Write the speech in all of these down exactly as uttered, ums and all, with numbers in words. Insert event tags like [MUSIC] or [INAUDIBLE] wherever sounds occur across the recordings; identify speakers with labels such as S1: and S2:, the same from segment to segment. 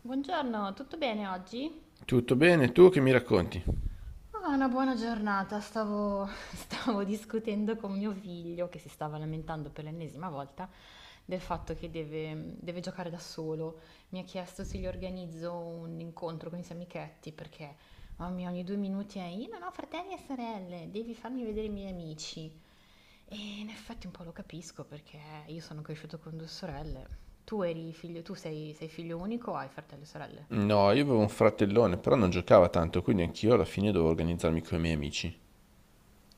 S1: Buongiorno, tutto bene oggi?
S2: Tutto bene, tu che mi racconti?
S1: Ah, una buona giornata. Stavo, [LAUGHS] stavo discutendo con mio figlio che si stava lamentando per l'ennesima volta del fatto che deve, deve giocare da solo. Mi ha chiesto se gli organizzo un incontro con i suoi amichetti perché, mamma mia, ogni due minuti è io non ho fratelli e sorelle, devi farmi vedere i miei amici. E in effetti un po' lo capisco perché io sono cresciuto con due sorelle. Tu eri figlio, tu sei, sei figlio unico o hai fratelli e sorelle?
S2: No, io avevo un fratellone, però non giocava tanto, quindi anch'io alla fine dovevo organizzarmi con i miei amici.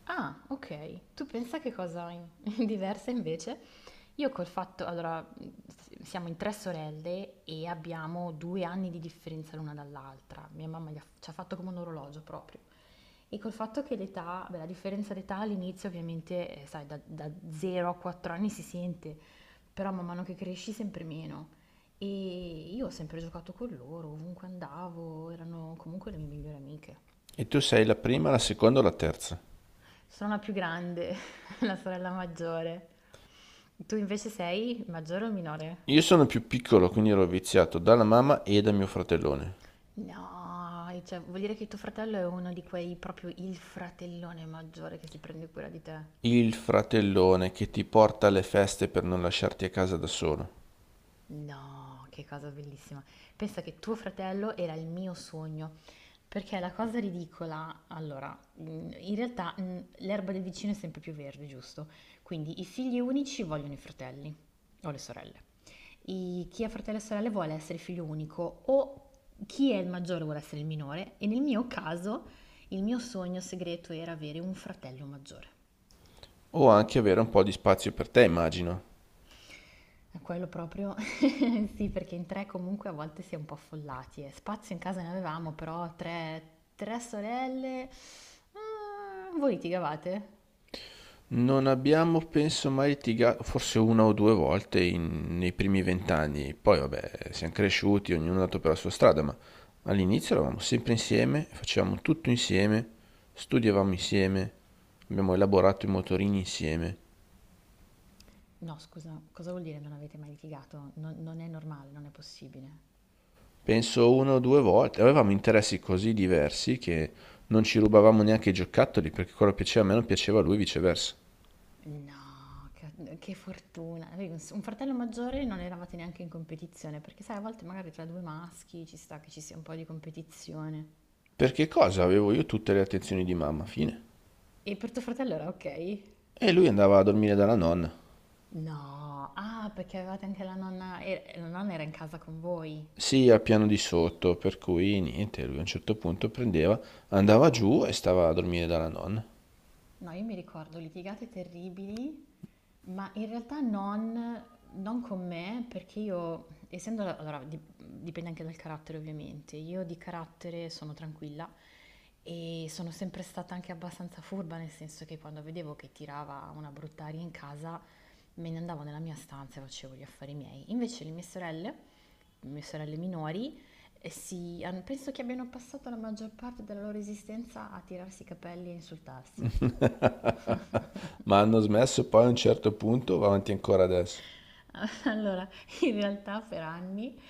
S1: Ah, ok. Tu pensa che cosa in- [LAUGHS] diversa invece? Io col fatto, allora, s- siamo in tre sorelle e abbiamo due anni di differenza l'una dall'altra. Mia mamma gli ha- ci ha fatto come un orologio proprio. E col fatto che l'età, beh, la differenza d'età all'inizio ovviamente, eh, sai, da, da zero a quattro anni si sente, però man mano che cresci sempre meno. E io ho sempre giocato con loro, ovunque andavo, erano comunque le mie migliori amiche.
S2: E tu sei la prima, la seconda o la terza?
S1: Sono la più grande, [LAUGHS] la sorella maggiore. Tu invece sei maggiore o minore?
S2: Io sono più piccolo, quindi ero viziato dalla mamma e da mio fratellone.
S1: No, cioè, vuol dire che tuo fratello è uno di quei proprio il fratellone maggiore che si prende cura di te.
S2: Il fratellone che ti porta alle feste per non lasciarti a casa da solo.
S1: No, che cosa bellissima. Pensa che tuo fratello era il mio sogno, perché la cosa ridicola, allora, mh, in realtà mh, l'erba del vicino è sempre più verde, giusto? Quindi i figli unici vogliono i fratelli o le sorelle. I- chi ha fratelli e sorelle vuole essere figlio unico o chi è il maggiore vuole essere il minore e nel mio caso il mio sogno segreto era avere un fratello maggiore.
S2: O anche avere un po' di spazio per te, immagino.
S1: E quello proprio [LAUGHS] sì, perché in tre comunque a volte si è un po' affollati. eh. Spazio in casa ne avevamo, però tre, tre sorelle. Mm, voi litigavate?
S2: Non abbiamo, penso, mai litigato, forse una o due volte in- nei primi vent'anni. Poi, vabbè, siamo cresciuti, ognuno è andato per la sua strada, ma all'inizio eravamo sempre insieme, facevamo tutto insieme, studiavamo insieme, abbiamo elaborato i motorini insieme.
S1: No, scusa, cosa vuol dire non avete mai litigato? Non, non è normale, non è possibile.
S2: Penso una o due volte. Avevamo interessi così diversi che non ci rubavamo neanche i giocattoli, perché quello che piaceva a me non piaceva a lui, viceversa.
S1: No, che, che fortuna. Avevi Un un fratello maggiore, non eravate neanche in competizione, perché sai, a volte magari tra due maschi ci sta che ci sia un po' di competizione.
S2: Perché cosa? Avevo io tutte le attenzioni di mamma, fine.
S1: E per tuo fratello era ok?
S2: E lui andava a dormire dalla nonna.
S1: No, ah, perché avevate anche la nonna, e la nonna era in casa con voi.
S2: Sì, al piano di sotto, per cui niente, lui a un certo punto prendeva, andava giù e stava a dormire dalla nonna.
S1: No, io mi ricordo litigate terribili. Ma in realtà non, non con me, perché io, essendo, allora, di- dipende anche dal carattere ovviamente, io di carattere sono tranquilla e sono sempre stata anche abbastanza furba, nel senso che quando vedevo che tirava una brutta aria in casa, me ne andavo nella mia stanza e facevo gli affari miei. Invece le mie sorelle, le mie sorelle minori, eh, si, han- penso che abbiano passato la maggior parte della loro esistenza a tirarsi i capelli e insultarsi.
S2: Ma hanno smesso poi a un certo punto, va avanti ancora adesso.
S1: [LAUGHS] Allora, in realtà per anni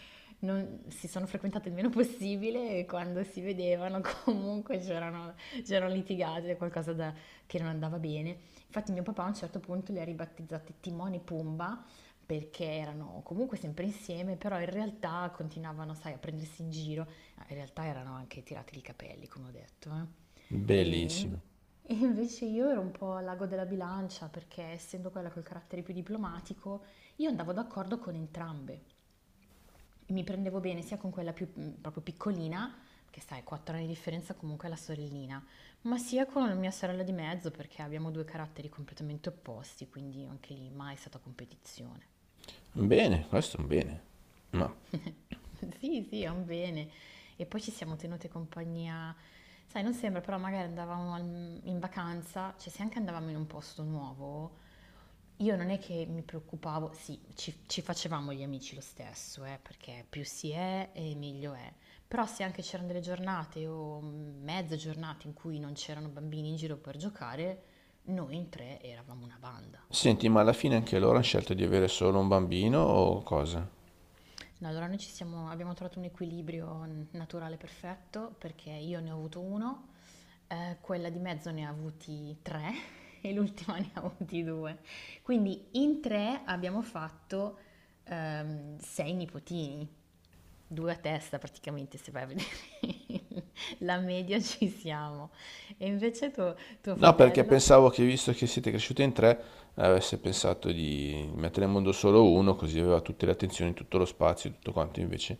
S1: non si sono frequentate il meno possibile e quando si vedevano [LAUGHS] comunque c'erano, c'erano litigate, qualcosa da- che non andava bene. Infatti mio papà a un certo punto li ha ribattezzati Timone e Pumba perché erano comunque sempre insieme, però in realtà continuavano, sai, a prendersi in giro. Ah, in realtà erano anche tirati i capelli, come ho detto, eh. E, in-
S2: Bellissimo.
S1: [LAUGHS] e invece io ero un po' al lago della bilancia perché essendo quella col carattere più diplomatico, io andavo d'accordo con entrambe. Mi prendevo bene sia con quella più mm, proprio piccolina, che sai, quattro anni di differenza comunque è la sorellina, ma sia con la mia sorella di mezzo perché abbiamo due caratteri completamente opposti, quindi anche lì mai è stata competizione.
S2: Bene, questo è un bene. Ma
S1: [LAUGHS] Sì, sì, è un bene. E poi ci siamo tenute compagnia, sai, non sembra, però magari andavamo al- in vacanza, cioè se anche andavamo in un posto nuovo, io non è che mi preoccupavo, sì, ci, ci facevamo gli amici lo stesso, eh, perché più si è e meglio è. Però se anche c'erano delle giornate o mezze giornate in cui non c'erano bambini in giro per giocare, noi in tre eravamo una banda.
S2: senti, ma alla fine anche loro hanno scelto di avere solo un bambino o cosa?
S1: No, allora noi ci siamo, abbiamo trovato un equilibrio n- naturale perfetto perché io ne ho avuto uno, eh, quella di mezzo ne ha avuti tre [LAUGHS] e l'ultima ne ha avuti due. Quindi in tre abbiamo fatto ehm, sei nipotini, due a testa praticamente se vai a vedere [LAUGHS] la media ci siamo. E invece tuo, tuo
S2: No, perché
S1: fratello?
S2: pensavo che visto che siete cresciute in tre, avesse pensato di mettere in mondo solo uno, così aveva tutte le attenzioni, tutto lo spazio, tutto quanto, invece.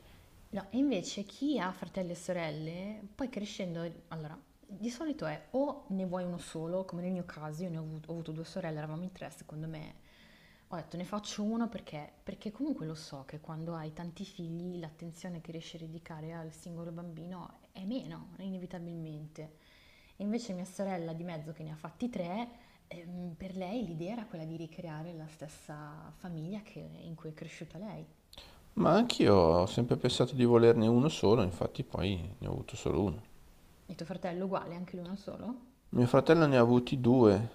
S1: No, e invece chi ha fratelli e sorelle, poi crescendo, allora, di solito è o ne vuoi uno solo, come nel mio caso, io ne ho avuto, ho avuto due sorelle, eravamo in tre, secondo me, ho detto ne faccio uno perché, perché, comunque lo so che quando hai tanti figli l'attenzione che riesci a dedicare al singolo bambino è meno, inevitabilmente. E invece mia sorella di mezzo che ne ha fatti tre, ehm, per lei l'idea era quella di ricreare la stessa famiglia che- in cui è cresciuta lei.
S2: Ma anch'io ho sempre pensato di volerne uno solo, infatti poi ne ho avuto solo uno.
S1: E tuo fratello uguale, anche lui uno solo?
S2: Mio fratello ne ha avuti due,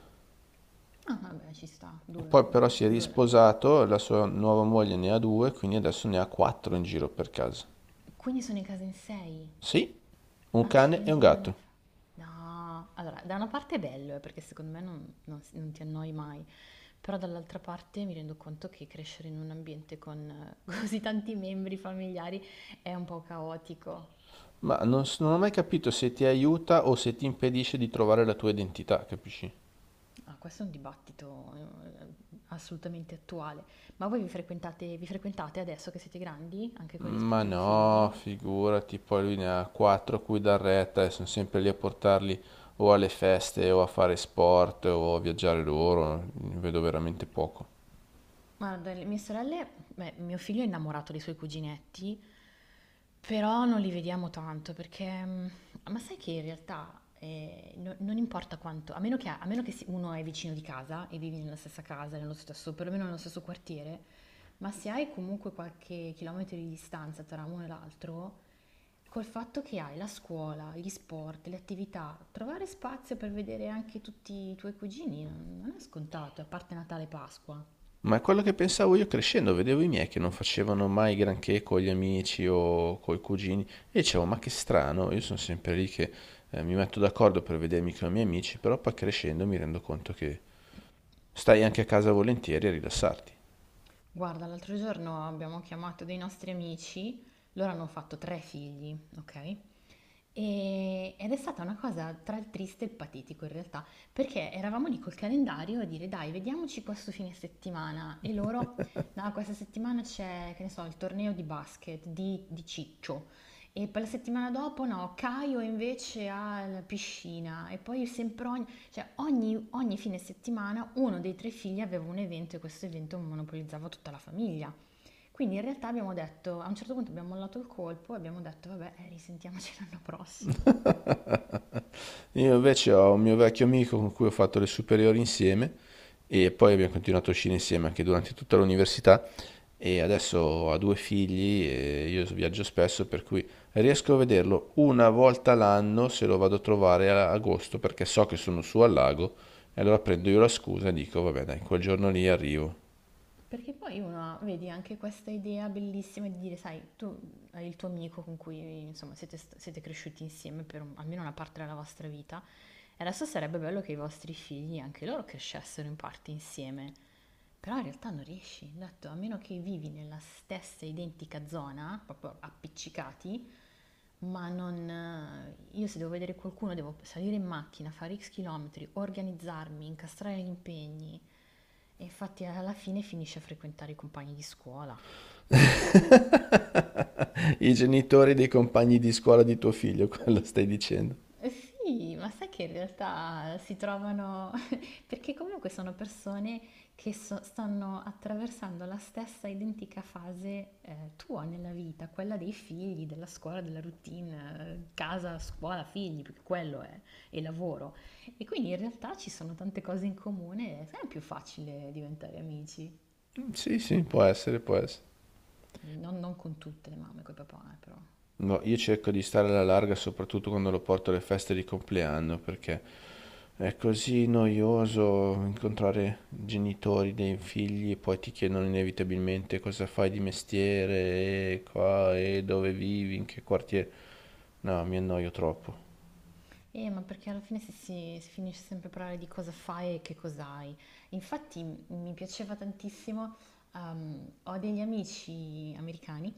S1: Ah, vabbè, ci sta,
S2: e
S1: due,
S2: poi però si è
S1: due la media.
S2: risposato, la sua nuova moglie ne ha due, quindi adesso ne ha quattro in giro per casa.
S1: Quindi sono in casa in sei.
S2: Sì, un cane e un
S1: Accidenti, non è...
S2: gatto.
S1: fa- No, allora, da una parte è bello, eh, perché secondo me non, non si- non ti annoi mai, però dall'altra parte mi rendo conto che crescere in un ambiente con [LAUGHS] eh, così tanti membri familiari è un po' caotico.
S2: Ma non, s- non ho mai capito se ti aiuta o se ti impedisce di trovare la tua identità, capisci?
S1: Ah, questo è un dibattito eh, assolutamente attuale. Ma voi vi frequentate, vi frequentate adesso che siete grandi, anche con i
S2: Ma
S1: rispettivi
S2: no,
S1: figli?
S2: figurati, poi lui ne ha quattro a cui dar retta e sono sempre lì a portarli o alle feste o a fare sport o a viaggiare loro, ne vedo veramente poco.
S1: Ma dalle mie sorelle, beh, mio figlio è innamorato dei suoi cuginetti. Però non li vediamo tanto perché, mh, ma sai che in realtà eh, no- non importa quanto, a meno che, a meno che si- uno è vicino di casa e vivi nella stessa casa, nello stesso, perlomeno nello stesso quartiere, ma se hai comunque qualche chilometro di distanza tra uno e l'altro, col fatto che hai la scuola, gli sport, le attività, trovare spazio per vedere anche tutti i tuoi cugini non non è scontato, a parte Natale e Pasqua.
S2: Ma è quello che pensavo io crescendo, vedevo i miei che non facevano mai granché con gli amici o con i cugini e dicevo, ma che strano, io sono sempre lì che eh, mi metto d'accordo per vedermi con i miei amici, però poi crescendo mi rendo conto che stai anche a casa volentieri a rilassarti.
S1: Guarda, l'altro giorno abbiamo chiamato dei nostri amici, loro hanno fatto tre figli, ok? E- ed è stata una cosa tra il triste e il patetico in realtà, perché eravamo lì col calendario a dire dai, vediamoci questo fine settimana e loro, no, questa settimana c'è, che ne so, il torneo di basket di, di Ciccio e poi la settimana dopo no, Caio invece ha la piscina e poi sempre ogni, cioè ogni, ogni fine settimana uno dei tre figli aveva un evento e questo evento monopolizzava tutta la famiglia. Quindi in realtà abbiamo detto, a un certo punto abbiamo mollato il colpo e abbiamo detto, vabbè, eh, risentiamoci [LAUGHS] l'anno prossimo.
S2: Io invece ho un mio vecchio amico con cui ho fatto le superiori insieme e poi abbiamo continuato a uscire insieme anche durante tutta l'università e adesso ha due figli e io viaggio spesso per cui riesco a vederlo una volta l'anno se lo vado a trovare a agosto perché so che sono su al lago e allora prendo io la scusa e dico vabbè dai, quel giorno lì arrivo.
S1: Perché poi uno, vedi, anche questa idea bellissima di dire, sai, tu hai il tuo amico con cui, insomma, siete, st- siete cresciuti insieme per un- almeno una parte della vostra vita, e adesso sarebbe bello che i vostri figli, anche loro, crescessero in parte insieme. Però in realtà non riesci, ho detto, a meno che vivi nella stessa identica zona, proprio appiccicati, ma non... eh, io se devo vedere qualcuno devo salire in macchina, fare ics chilometri, organizzarmi, incastrare gli impegni. E infatti alla fine finisce a frequentare i compagni di scuola.
S2: [LAUGHS] I genitori dei compagni di scuola di tuo figlio, [LAUGHS] quello stai dicendo?
S1: Eh sì, ma sai che in realtà si trovano, [LAUGHS] perché comunque sono persone che so- stanno attraversando la stessa identica fase eh, tua nella vita, quella dei figli, della scuola, della routine, eh, casa, scuola, figli, perché quello è, e lavoro. E quindi in realtà ci sono tante cose in comune, è sempre più facile diventare amici,
S2: Sì, sì, può essere, può essere.
S1: non, non con tutte le mamme, con i papà, eh, però.
S2: No, io cerco di stare alla larga soprattutto quando lo porto alle feste di compleanno perché è così noioso incontrare genitori dei figli e poi ti chiedono inevitabilmente cosa fai di mestiere e qua e dove vivi, in che quartiere. No, mi annoio troppo.
S1: Eh, ma perché alla fine si, si- si finisce sempre a parlare di cosa fai e che cos'hai. Infatti m- mi piaceva tantissimo, ehm, ho degli amici americani.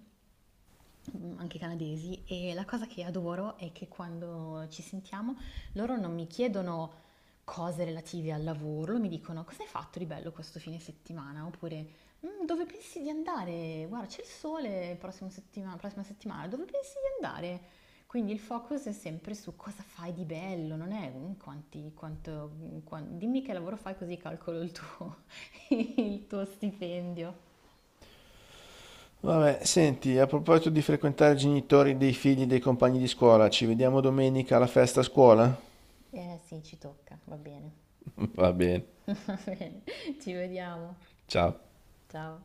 S1: Mhmm, Anche canadesi, e la cosa che adoro è che quando ci sentiamo loro non mi chiedono cose relative al lavoro, mi dicono: "Cosa hai fatto di bello questo fine settimana?" Oppure: "Mhmm, dove pensi di andare? Guarda c'è il sole il prossimo settima prossima settimana, dove pensi di andare?" Quindi il focus è sempre su cosa fai di bello, non è un quanti quanto mhmm, quan dimmi che lavoro fai così calcolo il tuo [LAUGHS] il tuo stipendio.
S2: Vabbè, senti, a proposito di frequentare i genitori dei figli dei compagni di scuola, ci vediamo domenica alla festa a scuola?
S1: Eh sì, ci tocca, va bene.
S2: [LAUGHS] Va bene,
S1: [LAUGHS] Va bene, ci vediamo.
S2: ciao.
S1: Ciao.